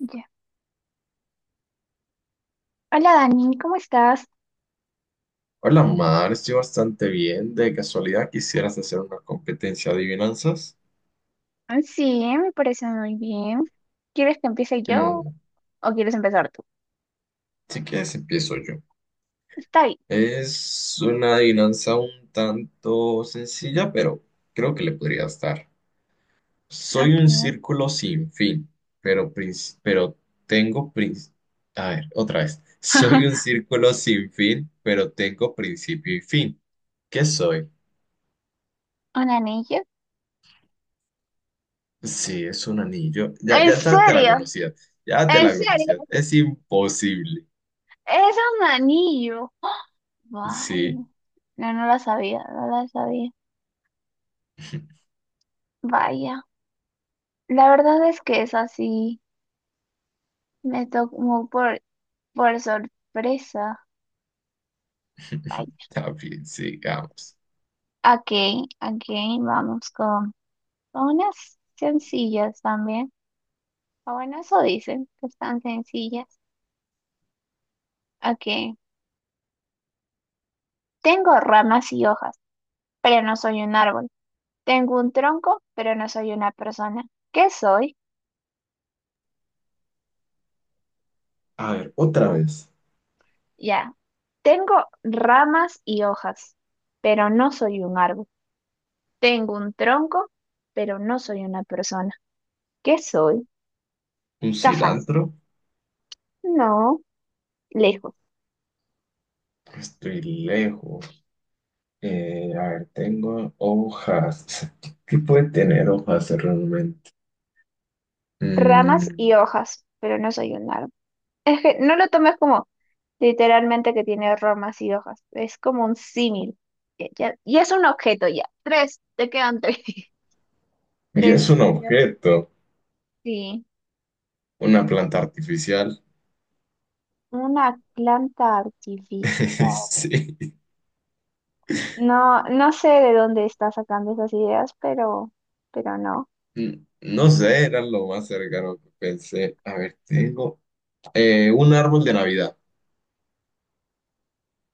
Ya. Hola Dani, ¿cómo estás? Hola, Mar, estoy bastante bien. De casualidad, ¿quisieras hacer una competencia de adivinanzas? Sí, me parece muy bien. ¿Quieres que empiece yo No, o quieres empezar tú? si quieres empiezo yo. Está bien, Es una adivinanza un tanto sencilla, pero creo que le podría estar. Soy un ok. círculo sin fin, pero tengo... A ver, otra vez. Soy un círculo sin fin, pero tengo principio y fin. ¿Qué soy? ¿Un anillo? Sí, es un anillo. Ya, ¿En ya te, te la serio? conocías. Ya te ¿En la serio? conocías. Es imposible. Es un anillo. Vaya. Sí, No, no lo sabía, no lo sabía. Vaya. La verdad es que es así. Me tocó por sorpresa. Vaya. también sigamos. Ok, ok, vamos con unas sencillas también. Bueno, eso dicen, que están sencillas. Ok. Tengo ramas y hojas, pero no soy un árbol. Tengo un tronco, pero no soy una persona. ¿Qué soy? A ver, otra vez. Ya. Tengo ramas y hojas, pero no soy un árbol. Tengo un tronco, pero no soy una persona. ¿Qué soy? Un Está fácil. cilantro. No, lejos. Estoy lejos. A ver, tengo hojas. ¿Qué puede tener hojas realmente? Ramas y Mm, hojas, pero no soy un árbol. Es que no lo tomes como literalmente que tiene ramas y hojas. Es como un símil. Y es un objeto ya. Tres, te quedan tres. y Tres, es un ya, objeto, sí. una planta artificial. Una planta artificial. Sí. No, no sé de dónde está sacando esas ideas, pero no. No sé, era lo más cercano que pensé. A ver, tengo un árbol de Navidad.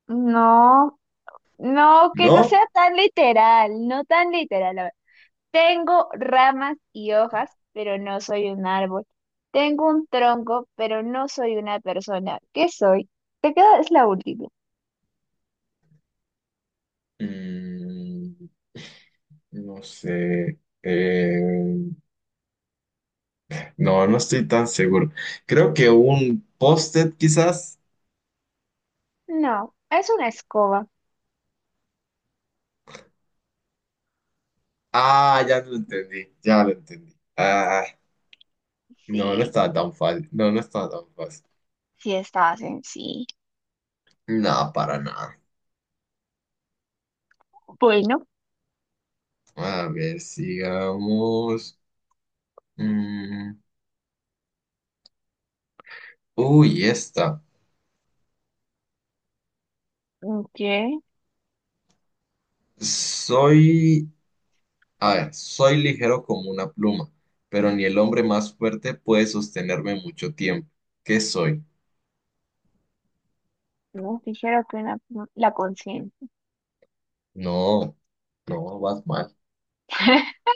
No, no, que no ¿No? sea tan literal, no tan literal. Tengo ramas y hojas, pero no soy un árbol. Tengo un tronco, pero no soy una persona. ¿Qué soy? Te queda, es la última. Mm, no sé. No, no estoy tan seguro. Creo que un post-it quizás. No, es una escoba. Ah, ya lo entendí, ya lo entendí. Ah, no, no Sí, estaba tan fácil. No, no estaba tan fácil. sí estaba sencillo. No, para nada. Bueno, A ver, sigamos. Mm, Uy, esta. ¿qué? Soy, a ver, soy ligero como una pluma, pero ni el hombre más fuerte puede sostenerme mucho tiempo. ¿Qué soy? No, dijeron que una, la conciencia. No, no, Batman.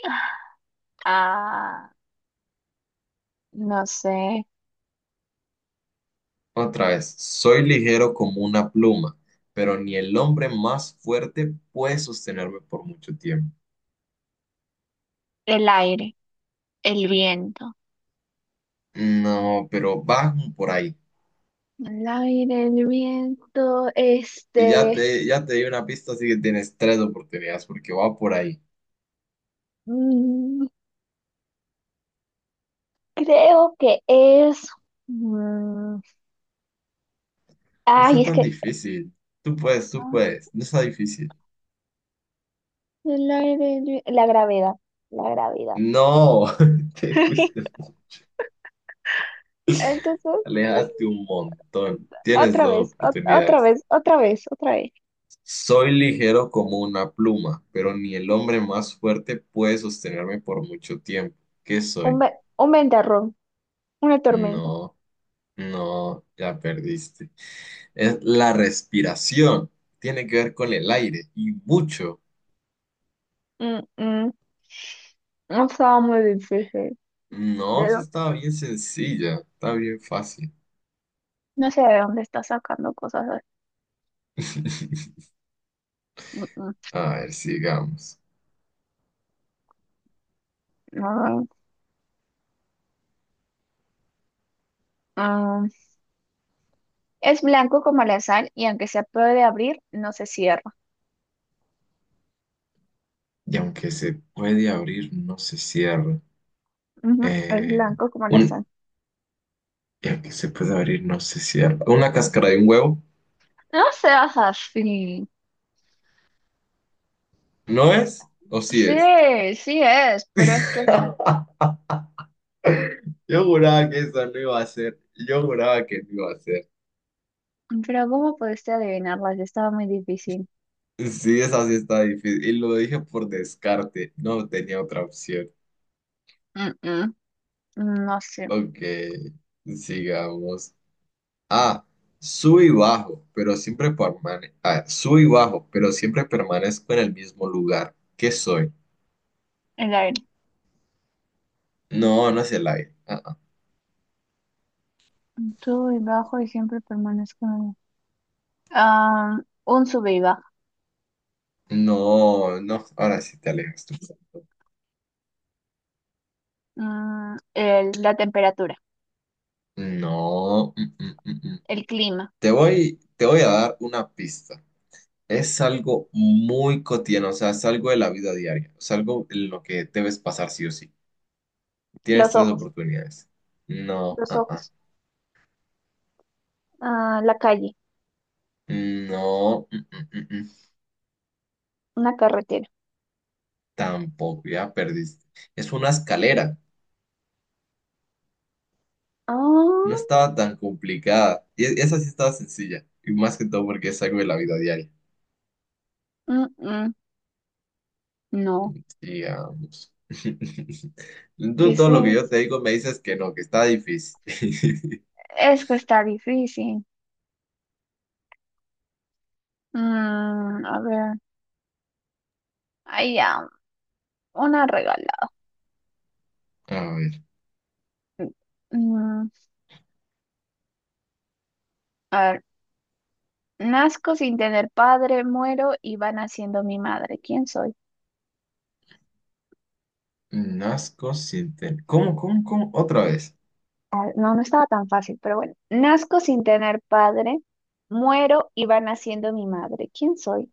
Ah, no sé. Otra vez, soy ligero como una pluma, pero ni el hombre más fuerte puede sostenerme por mucho tiempo. El aire, el viento. No, pero va por ahí. El aire, el viento, Y ya te, ya te di una pista, así que tienes tres oportunidades porque va por ahí. mm, creo que es, mm, No Ay, está es tan que, difícil. Tú puedes, tú ah, puedes. No está difícil. la, la gravedad, la gravedad. No, te fuiste, Entonces, bueno, alejaste un montón. Tienes otra dos vez, otra oportunidades. vez, otra vez, otra vez. Soy ligero como una pluma, pero ni el hombre más fuerte puede sostenerme por mucho tiempo. ¿Qué soy? Un ventarrón, una tormenta. No, no, ya perdiste. Es la respiración. Tiene que ver con el aire y mucho. Mm, mm, no estaba muy difícil. ¿De No, esa dó- estaba bien sencilla, está bien fácil. No sé de dónde está sacando cosas así. Mm, mm, A ver, sigamos. no, mm. Es blanco como la sal y aunque se puede abrir, no se cierra. Y aunque se puede abrir, no se cierra. Ujú, es Eh, blanco como la un, sal. y aunque se puede abrir, no se cierra. ¿Una cáscara de un huevo? No seas así. ¿No es? ¿O sí Sí, es? sí es, pero es que Yo juraba que eso no iba a ser. Yo juraba que no iba a ser. pero ¿cómo pudiste adivinarlas? Estaba muy difícil. Sí, esa sí está difícil. Y lo dije por descarte. No tenía otra opción. Mm, mm, no sé. Ok, sigamos. Ah, sub y bajo, pero siempre permanezco. Ah, sub y bajo, pero siempre permanezco en el mismo lugar. ¿Qué soy? El aire. No, no es el aire. Ah, ah. Subo y bajo y siempre permanezco en Ah, un sube y baja. No, no. Ahora sí te alejas tú. La temperatura. No. Mm. El clima. Te voy a dar una pista. Es algo muy cotidiano, o sea, es algo de la vida diaria, es algo en lo que debes pasar sí o sí. Tienes Los tres ojos. oportunidades. No, Los ah, ah, ojos. Ah, la calle. No, Una carretera. Tampoco, ya perdiste. Es una escalera, no Ah, estaba tan complicada. Y esa sí estaba sencilla, y más que todo porque es algo de la vida diaria. mm, mm, no. Digamos. ¿Qué Tú es todo lo que yo eso? te digo me dices que no, que está difícil. Es que está difícil. Mm, a ver. Ahí ya. Una regalada. A ver, Mm, a ver. Nazco sin tener padre, muero y va naciendo mi madre. ¿Quién soy? nazco sin tener... ¿Cómo? Otra vez. No, no estaba tan fácil, pero bueno. Nazco sin tener padre, muero y va naciendo mi madre. ¿Quién soy?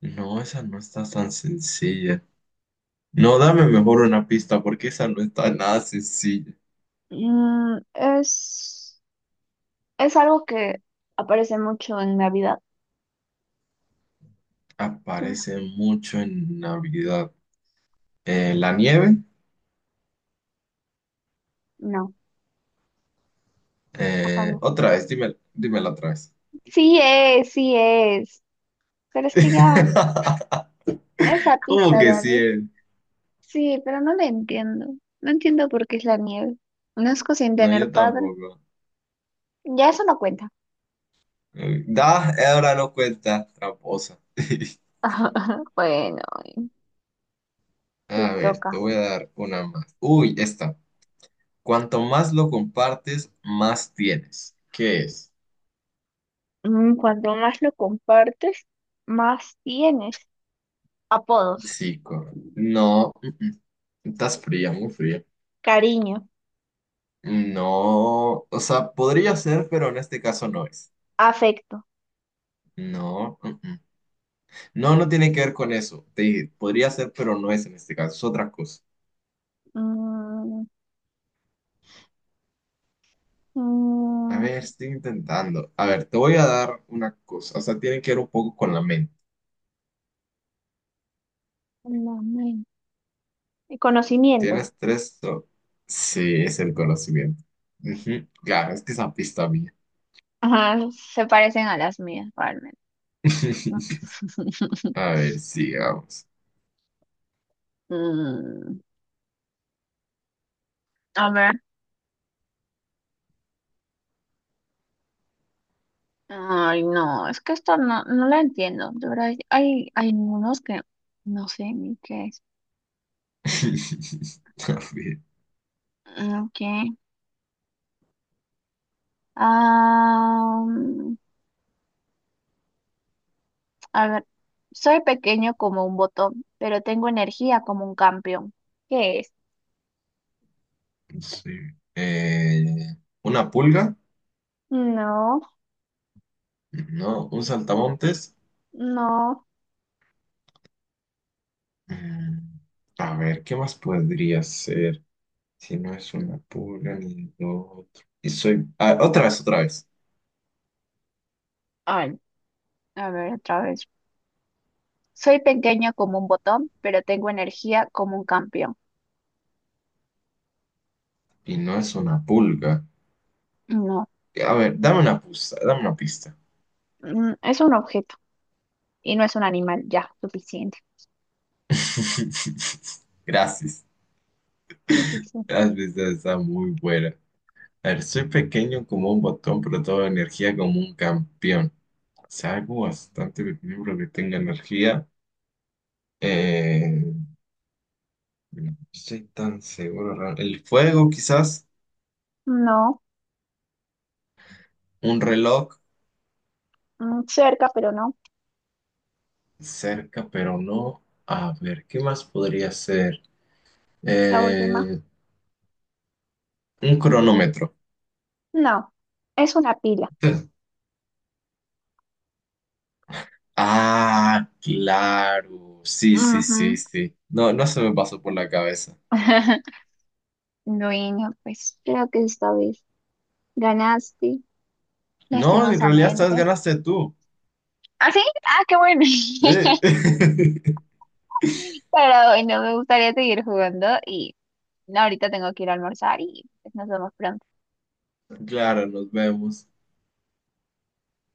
No, esa no está tan sencilla. No, dame mejor una pista porque esa no está nada sencilla. Mm, es, es algo que aparece mucho en Navidad. ¿Quién era? Aparece mucho en Navidad. La nieve. No, papá Eh, no. otra vez, dime, dímela otra vez. Sí es, sí es. Pero es que ya, esa ¿Cómo pista, que sí? David. Sí, pero no la entiendo. No entiendo por qué es la nieve. Nazco sin No, tener yo padre. tampoco. Ya eso no cuenta. Ahora no cuenta, tramposa. Bueno, te A ver, te toca. voy a dar una más. Uy, esta. Cuanto más lo compartes, más tienes. ¿Qué es? Mm, cuanto más lo compartes, más tienes. Apodos, Sí, correcto. No. Mm. Estás fría, muy fría. cariño, No, o sea, podría ser, pero en este caso no es. afecto, No, No, no tiene que ver con eso. Te dije, podría ser, pero no es en este caso, es otra cosa. mm, A mm, ver, estoy intentando. A ver, te voy a dar una cosa. O sea, tiene que ver un poco con la mente. la men- conocimiento. ¿Tienes tres? Sí, es el conocimiento. Ujú. Claro, es que esa pista mía. Ajá, se parecen a las mías, realmente. A ver, sigamos. Mm, a ver. Ay, no, es que esto no, no la entiendo. De verdad, hay unos que no sé ni qué es. A ver, Mm, ok. Ah, a ver, soy pequeño como un botón, pero tengo energía como un campeón. ¿Qué es? sí. Eh, ¿Una pulga? No, No, un saltamontes. no. Mm, A ver, ¿qué más podría ser? Si no es una pulga ni lo otro. Y soy. Otra vez, otra vez. Ay, a ver, otra vez. Soy pequeño como un botón, pero tengo energía como un campeón. Y no es una pulga. No, A ver, dame una pista, dame una pista. mm, es un objeto y no es un animal. Ya, suficiente. Gracias. Suficiente. Las pistas están muy buena. A ver, soy pequeño como un botón, pero toda energía como un campeón. O sea, algo bastante pequeño, pero que tenga energía. Eh, no estoy tan seguro. El fuego, quizás. No, Un reloj mm, cerca, pero no. cerca, pero no. A ver, ¿qué más podría ser? La última. Eh, un cronómetro. No, es una pila. Ah, claro. Sí, sí, sí, Ujú. sí. No, no se me pasó por la cabeza. Bueno, pues creo que esta vez ganaste, No, en realidad esta vez lastimosamente. ganaste tú. ¿Ah, sí? Ah, qué bueno. Sí. Pero no me gustaría seguir jugando y no, ahorita tengo que ir a almorzar y pues, nos vemos pronto. Claro, nos vemos.